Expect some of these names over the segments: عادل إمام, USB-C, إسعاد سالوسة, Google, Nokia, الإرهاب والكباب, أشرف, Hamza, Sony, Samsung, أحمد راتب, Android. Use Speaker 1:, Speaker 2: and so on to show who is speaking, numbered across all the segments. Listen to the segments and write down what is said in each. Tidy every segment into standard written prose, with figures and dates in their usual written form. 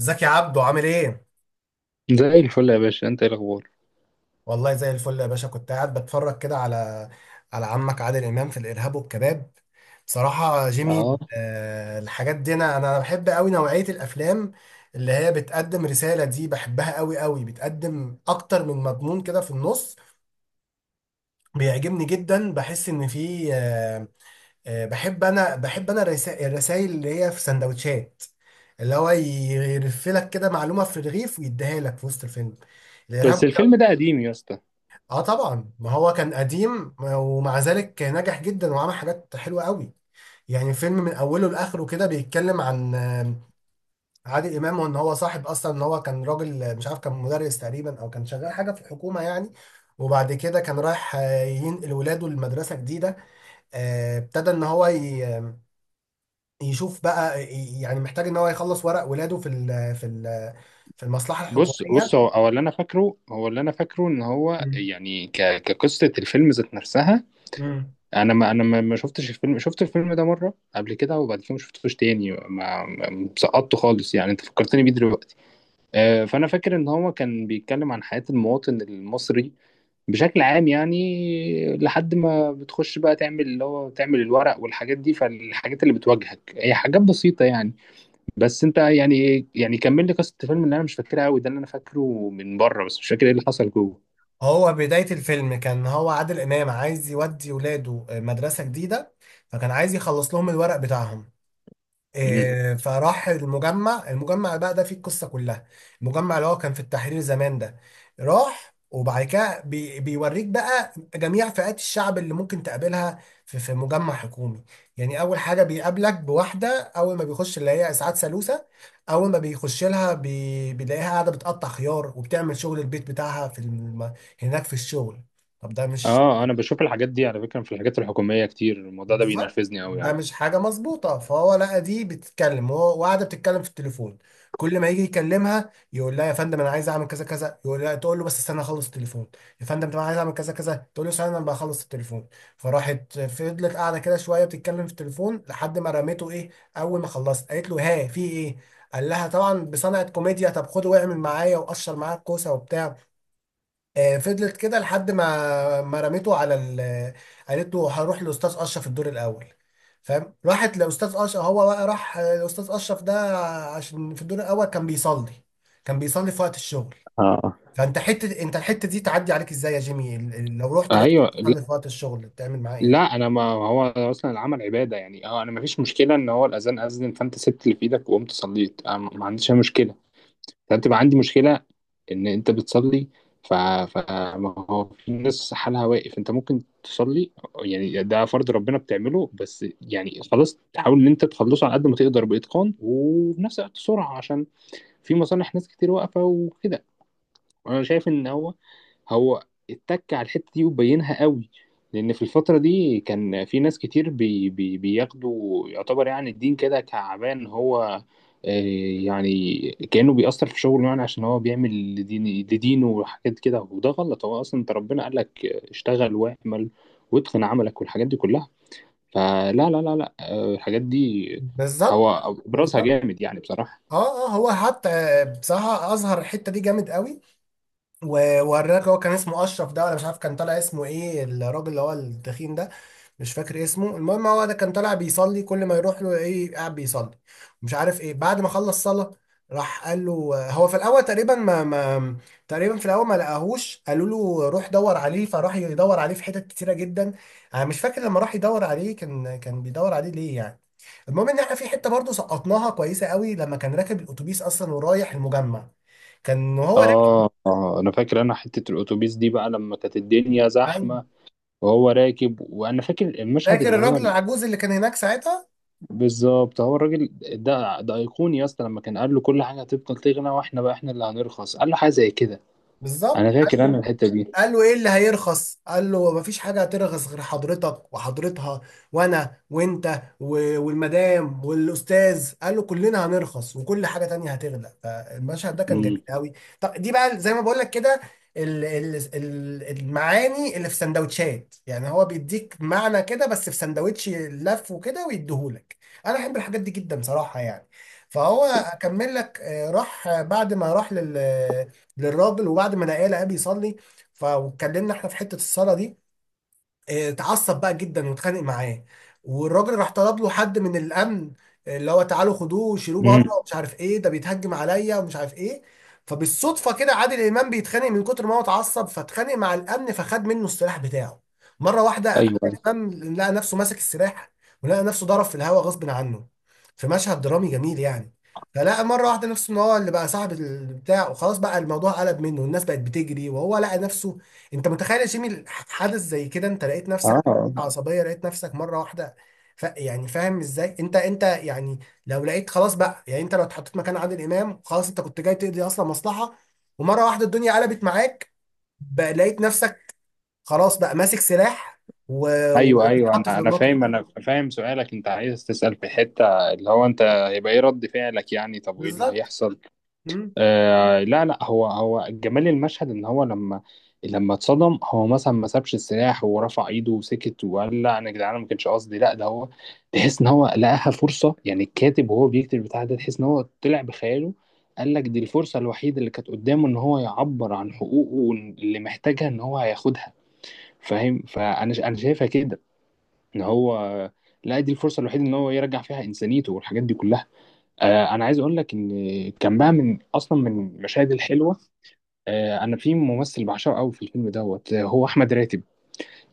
Speaker 1: ازيك يا عبدو عامل ايه؟
Speaker 2: زي الفل يا باشا، انت ايه الاخبار؟
Speaker 1: والله زي الفل يا باشا، كنت قاعد بتفرج كده على عمك عادل امام في الارهاب والكباب، بصراحة جيمي.
Speaker 2: اه
Speaker 1: الحاجات دي، انا بحب قوي نوعية الافلام اللي هي بتقدم رسالة، دي بحبها قوي قوي، بتقدم اكتر من مضمون كده في النص. بيعجبني جدا، بحس ان في. بحب انا الرسائل اللي هي في سندوتشات، اللي هو يرفلك كده معلومة في الرغيف ويديها لك في وسط الفيلم
Speaker 2: بس
Speaker 1: الارهاب.
Speaker 2: الفيلم ده قديم يا اسطى.
Speaker 1: اه، طبعا ما هو كان قديم، ومع ذلك نجح جدا وعمل حاجات حلوه قوي. يعني فيلم من اوله لاخره كده بيتكلم عن عادل امام، وان هو صاحب اصلا ان هو كان راجل، مش عارف، كان مدرس تقريبا، او كان شغال حاجه في الحكومه يعني. وبعد كده كان رايح ينقل ولاده لمدرسه جديده. ابتدى ان هو يشوف بقى، يعني محتاج ان هو يخلص ورق ولاده في المصلحه
Speaker 2: بص
Speaker 1: الحكوميه.
Speaker 2: هو اللي انا فاكره، ان هو يعني كقصه الفيلم ذات نفسها.
Speaker 1: مم.
Speaker 2: انا ما شفتش الفيلم، شفت الفيلم ده مره قبل كده وبعد كده ما شفتوش تاني. سقطته خالص يعني، انت فكرتني بيه دلوقتي. فانا فاكر ان هو كان بيتكلم عن حياه المواطن المصري بشكل عام، يعني لحد ما بتخش بقى تعمل اللي هو تعمل الورق والحاجات دي، فالحاجات اللي بتواجهك هي حاجات بسيطه يعني. بس انت يعني كمل لي قصه الفيلم اللي انا مش فاكرها قوي، ده اللي انا فاكره من بره بس، مش فاكر ايه اللي حصل جوه.
Speaker 1: هو بداية الفيلم كان هو عادل إمام عايز يودي ولاده مدرسة جديدة، فكان عايز يخلص لهم الورق بتاعهم.
Speaker 2: مم.
Speaker 1: فراح المجمع، المجمع بقى ده فيه القصة كلها. المجمع اللي هو كان في التحرير زمان ده، راح وبعد كده بيوريك بقى جميع فئات الشعب اللي ممكن تقابلها في مجمع حكومي. يعني أول حاجة بيقابلك بواحدة، أول ما بيخش اللي هي إسعاد سالوسة. أول ما بيخش لها بيلاقيها قاعدة بتقطع خيار وبتعمل شغل البيت بتاعها في هناك في الشغل. طب ده مش.
Speaker 2: اه انا بشوف الحاجات دي على فكره في الحاجات الحكوميه كتير، الموضوع ده
Speaker 1: بالظبط،
Speaker 2: بينرفزني قوي
Speaker 1: ده
Speaker 2: يعني.
Speaker 1: مش حاجة مظبوطة، فهو لقى دي بتتكلم، هو وقاعدة بتتكلم في التليفون. كل ما يجي يكلمها يقول لها يا فندم انا عايز اعمل كذا كذا، يقول لها، تقول له بس استنى اخلص التليفون. يا فندم، طب انا عايز اعمل كذا كذا، تقول له استنى انا بخلص التليفون. فراحت فضلت قاعدة كده شوية بتتكلم في التليفون لحد ما رميته ايه. اول ما خلصت قالت له ها، في ايه؟ قال لها طبعا بصنعة كوميديا، طب خد واعمل معايا وقشر معايا الكوسة وبتاع. فضلت كده لحد ما رميته على ال. قالت له هروح لاستاذ اشرف الدور الاول. فاهم، راحت لاستاذ اشرف. هو بقى راح لاستاذ اشرف ده عشان في الدور الاول كان بيصلي، كان بيصلي في وقت الشغل.
Speaker 2: اه،
Speaker 1: فانت حته، انت الحته دي تعدي عليك ازاي يا جيمي؟ لو رحت لقيت
Speaker 2: ايوه، لا،
Speaker 1: بتصلي في وقت الشغل، بتعمل معاه
Speaker 2: لا
Speaker 1: ايه؟
Speaker 2: انا، ما هو اصلا العمل عباده يعني. اه انا ما فيش مشكله ان هو الاذان اذن فانت سبت اللي في ايدك وقمت صليت، أنا ما عنديش اي مشكله. فبتبقى عندي مشكلة ان انت بتصلي فما هو في ناس حالها واقف، انت ممكن تصلي. يعني ده فرض ربنا بتعمله، بس يعني خلاص، تحاول ان انت تخلصه على قد ما تقدر بإتقان وفي نفس الوقت سرعة، عشان في مصالح ناس كتير واقفة وكده. انا شايف ان هو هو اتك على الحته دي وبينها قوي، لان في الفتره دي كان في ناس كتير بي بي بياخدوا يعتبر يعني الدين كده كعبان هو. آه، يعني كانه بيأثر في شغله، يعني عشان هو بيعمل لدين لدينه وحاجات كده، وده غلط. هو اصلا انت ربنا قال لك اشتغل واعمل واتقن عملك والحاجات دي كلها. فلا لا لا لا آه، الحاجات دي هو
Speaker 1: بالظبط،
Speaker 2: ابرزها
Speaker 1: بالظبط.
Speaker 2: جامد يعني بصراحه.
Speaker 1: اه، اه، هو حتى بصراحه اظهر الحته دي جامد قوي. ووراك، هو كان اسمه اشرف ده ولا مش عارف، كان طالع اسمه ايه الراجل اللي هو التخين ده، مش فاكر اسمه. المهم هو ده كان طالع بيصلي، كل ما يروح له ايه قاعد بيصلي، مش عارف ايه. بعد ما خلص صلاة راح قال له. هو في الاول تقريبا ما ما تقريبا في الاول ما لقاهوش، قالوا له روح دور عليه، فراح يدور عليه في حتت كتيرة جدا. انا مش فاكر لما راح يدور عليه كان بيدور عليه ليه يعني. المهم ان احنا في حته برضه سقطناها كويسه قوي، لما كان راكب الاتوبيس اصلا ورايح المجمع، كان وهو
Speaker 2: آه، آه، أنا فاكر أنا حتة الأتوبيس دي بقى، لما كانت الدنيا
Speaker 1: راكب.
Speaker 2: زحمة وهو راكب، وأنا فاكر المشهد
Speaker 1: فاكر
Speaker 2: اللي هو
Speaker 1: الراجل العجوز اللي كان هناك ساعتها؟
Speaker 2: بالظبط. هو الراجل ده، ده أيقوني يا اسطى، لما كان قال له كل حاجة هتفضل تغلى وإحنا بقى إحنا اللي هنرخص، قال له حاجة زي كده. أنا
Speaker 1: بالظبط،
Speaker 2: فاكر أنا
Speaker 1: عنده.
Speaker 2: بالظبط الحتة دي.
Speaker 1: قال له ايه اللي هيرخص؟ قال له مفيش حاجه هترخص غير حضرتك وحضرتها، وانا وانت والمدام والاستاذ، قال له كلنا هنرخص وكل حاجه تانية هتغلى. فالمشهد ده كان جميل
Speaker 2: امم.
Speaker 1: قوي. طب دي بقى زي ما بقول لك كده، المعاني اللي في سندوتشات، يعني هو بيديك معنى كده بس في سندوتش لف وكده ويديهولك. انا احب الحاجات دي جدا صراحه يعني. فهو اكمل لك، راح بعد ما راح للراجل، وبعد ما لقاه بيصلي. فاتكلمنا احنا في حته الصلاه دي. اه، اتعصب بقى جدا واتخانق معاه، والراجل راح طلب له حد من الامن، اللي هو تعالوا خدوه شيلوه بره
Speaker 2: امم.
Speaker 1: ومش عارف ايه، ده بيتهجم عليا ومش عارف ايه. فبالصدفه كده عادل امام بيتخانق، من كتر ما هو اتعصب فاتخانق مع الامن، فخد منه السلاح بتاعه. مره واحده عادل
Speaker 2: أيوه.
Speaker 1: امام لقى نفسه ماسك السلاح، ولقى نفسه ضرب في الهواء غصب عنه، في مشهد درامي جميل يعني. فلقى مره واحده نفسه ان هو اللي بقى صاحب البتاع، وخلاص بقى الموضوع قلب منه، والناس بقت بتجري، وهو لقى نفسه. انت متخيل يا جيمي حدث زي كده؟ انت لقيت نفسك
Speaker 2: آه،
Speaker 1: عصبية، لقيت نفسك مرة واحدة. ف يعني، فاهم ازاي انت يعني؟ لو لقيت خلاص بقى، يعني انت لو اتحطيت مكان عادل امام، خلاص انت كنت جاي تقضي اصلا مصلحة، ومرة واحدة الدنيا قلبت معاك، بقى لقيت نفسك خلاص بقى ماسك سلاح،
Speaker 2: أيوه أيوه،
Speaker 1: وبتتحط في
Speaker 2: أنا
Speaker 1: الموقف
Speaker 2: فاهم،
Speaker 1: ده.
Speaker 2: أنا فاهم سؤالك. أنت عايز تسأل في حتة اللي هو أنت هيبقى إيه رد فعلك يعني؟ طب وإيه اللي
Speaker 1: بالظبط.
Speaker 2: هيحصل؟
Speaker 1: مم.
Speaker 2: آه، لا لا، هو جمال المشهد ان هو لما اتصدم هو مثلا ما سابش السلاح ورفع ايده وسكت وقال لا انا يا جدعان ما كانش قصدي، لا ده هو تحس ان هو لقاها فرصه. يعني الكاتب وهو بيكتب البتاع ده، تحس ان هو طلع بخياله، قال لك دي الفرصه الوحيده اللي كانت قدامه ان هو يعبر عن حقوقه اللي محتاجها ان هو هياخدها، فاهم؟ انا شايفها كده ان هو لا، دي الفرصه الوحيده ان هو يرجع فيها انسانيته والحاجات دي كلها. انا عايز اقول لك ان كان بقى من اصلا من المشاهد الحلوه. انا في ممثل بعشقه قوي في الفيلم دوت، هو احمد راتب.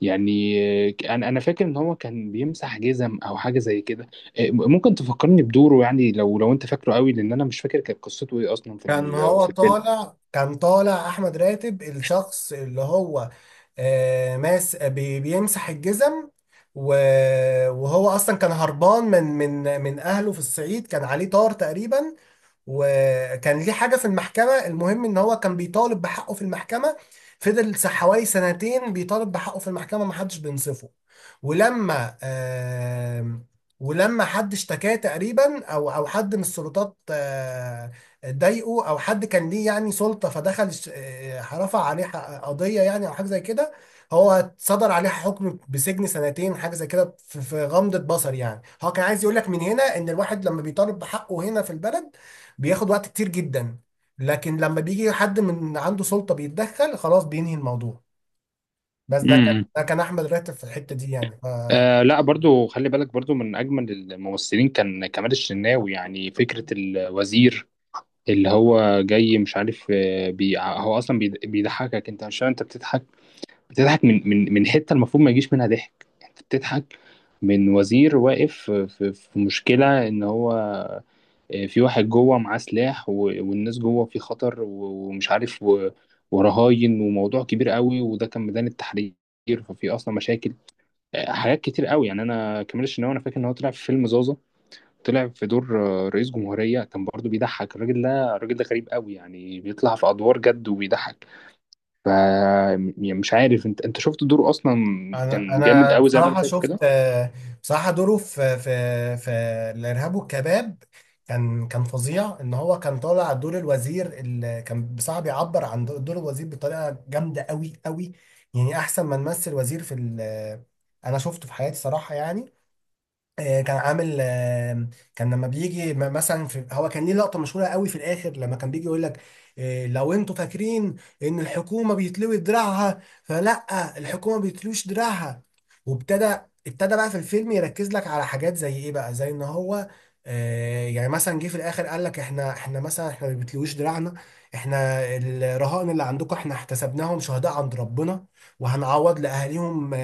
Speaker 2: يعني انا فاكر ان هو كان بيمسح جزم او حاجه زي كده. ممكن تفكرني بدوره يعني، لو انت فاكره قوي، لان انا مش فاكر كانت قصته ايه اصلا في
Speaker 1: كان هو
Speaker 2: في الفيلم.
Speaker 1: طالع، كان طالع احمد راتب. الشخص اللي هو بيمسح الجزم، و- وهو اصلا كان هربان من اهله في الصعيد، كان عليه طار تقريبا، وكان ليه حاجة في المحكمة. المهم ان هو كان بيطالب بحقه في المحكمة، فضل حوالي سنتين بيطالب بحقه في المحكمة محدش بينصفه. ولما آم، ولما حد اشتكاه تقريبا او حد من السلطات، ضايقه، او حد كان ليه يعني سلطة، فدخل رفع عليه قضية يعني، او حاجة زي كده. هو صدر عليه حكم بسجن سنتين حاجه زي كده، في غمضه بصر. يعني هو كان عايز يقول لك من هنا، ان الواحد لما بيطالب بحقه هنا في البلد بياخد وقت كتير جدا، لكن لما بيجي حد من عنده سلطة بيتدخل خلاص بينهي الموضوع. بس ده كان
Speaker 2: امم.
Speaker 1: ده كان احمد راتب في الحتة دي يعني. ف
Speaker 2: آه، لا برضو خلي بالك برضو من أجمل الممثلين كان كمال الشناوي، يعني فكرة الوزير اللي هو جاي مش عارف. آه، بي هو أصلا بيضحكك، أنت مش فاهم أنت بتضحك، بتضحك من حته المفروض ما يجيش منها ضحك. يعني انت بتضحك من وزير واقف في في مشكله ان هو في واحد جوه معاه سلاح، والناس جوه في خطر، ومش عارف، ورهاين وموضوع كبير قوي، وده كان ميدان التحرير، ففي اصلا مشاكل. حاجات كتير قوي يعني. انا كمال الشناوي انا فاكر ان هو طلع في فيلم زازا، طلع في دور رئيس جمهوريه، كان برضه بيضحك. الراجل ده، الراجل ده غريب قوي يعني، بيطلع في ادوار جد وبيضحك. يعني مش عارف، انت شفت دوره اصلا؟
Speaker 1: انا
Speaker 2: كان جامد
Speaker 1: انا
Speaker 2: قوي زي ما انا
Speaker 1: بصراحة
Speaker 2: فاكر
Speaker 1: شفت،
Speaker 2: كده.
Speaker 1: بصراحة دوره في الارهاب والكباب كان، فظيع. ان هو كان طالع دور الوزير، اللي كان بصراحة بيعبر عن دور الوزير بطريقة جامدة قوي قوي، يعني احسن ما نمثل وزير في انا شفته في حياتي صراحة يعني. كان عامل، كان لما بيجي مثلا، في هو كان ليه لقطه مشهوره قوي في الاخر، لما كان بيجي يقول لك لو انتوا فاكرين ان الحكومه بيتلوي دراعها، فلا، الحكومه بيتلوش دراعها. وابتدى، بقى في الفيلم يركز لك على حاجات زي ايه، بقى زي ان هو يعني مثلا، جه في الاخر قال لك احنا احنا مثلا احنا ما بيتلويش دراعنا، احنا الرهائن اللي عندكم احنا احتسبناهم شهداء عند ربنا، وهنعوض لاهاليهم آه،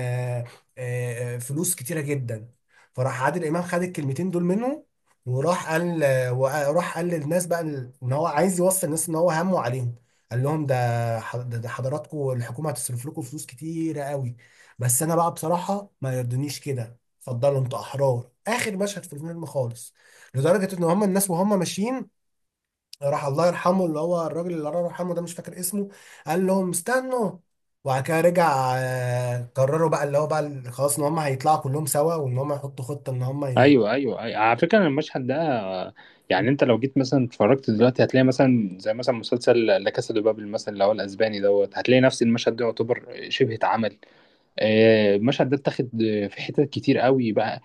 Speaker 1: آه، آه، فلوس كتيره جدا. فراح عادل امام خد الكلمتين دول منه، وراح قال وراح قال للناس بقى ان هو عايز يوصل الناس ان هو همه عليهم. قال لهم ده حضراتكم الحكومه هتصرف لكم فلوس كتيره قوي، بس انا بقى بصراحه ما يرضنيش كده، اتفضلوا انتوا احرار. اخر مشهد في الفيلم خالص، لدرجه ان هم الناس وهم ماشيين. راح الله يرحمه اللي هو الراجل اللي الله يرحمه ده، مش فاكر اسمه، قال لهم استنوا. وبعد كده رجع، قرروا بقى اللي هو بقى خلاص ان هم هيطلعوا كلهم سوا، وان هم يحطوا خطة ان هم
Speaker 2: ايوه ايوه ايوه، على فكره أنا المشهد ده، يعني انت لو جيت مثلا اتفرجت دلوقتي هتلاقي مثلا زي مثلا مسلسل لا كاسا دي بابل مثلا، اللي هو الاسباني دوت، هتلاقي نفس المشهد ده يعتبر شبه اتعمل. المشهد ده اتاخد في حتت كتير قوي بقى.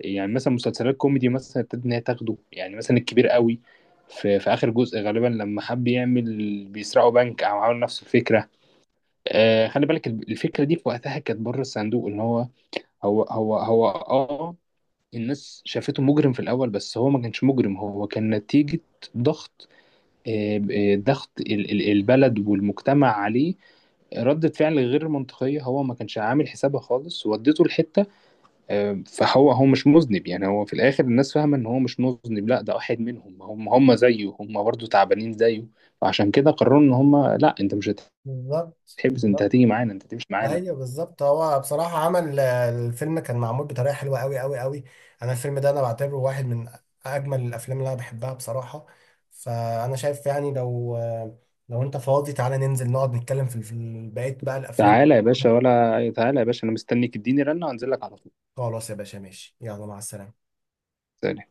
Speaker 2: يعني مثلا مسلسلات كوميدي مثلا ابتدت ان هي تاخده، يعني مثلا الكبير قوي في، في اخر جزء غالبا، لما حب يعمل بيسرقوا بنك او عملوا نفس الفكره. خلي بالك الفكره دي في وقتها كانت بره الصندوق، ان هو هو هو هو اه الناس شافته مجرم في الاول، بس هو ما كانش مجرم، هو كان نتيجه ضغط. ضغط البلد والمجتمع عليه، ردة فعل غير منطقية، هو ما كانش عامل حسابها خالص وديته لحتة. فهو مش مذنب يعني، هو في الآخر الناس فاهمة إن هو مش مذنب، لا ده واحد منهم، هم زيه، هم برضه تعبانين زيه، فعشان كده قرروا إن هم لا، أنت مش
Speaker 1: بالظبط،
Speaker 2: هتحبس، أنت
Speaker 1: بالظبط.
Speaker 2: هتيجي معانا، أنت هتمشي معانا.
Speaker 1: ايوه، بالظبط. هو بصراحة عمل، الفيلم كان معمول بطريقة حلوة قوي قوي قوي. انا الفيلم ده انا بعتبره واحد من اجمل الافلام اللي انا بحبها بصراحة. فانا شايف يعني لو انت فاضي تعالى ننزل نقعد نتكلم في بقية بقى الافلام.
Speaker 2: تعالى يا باشا، ولا تعالى يا باشا، انا مستنيك، اديني رنه وانزل لك على طول.
Speaker 1: خلاص يا باشا ماشي، يلا مع السلامة.
Speaker 2: سلام.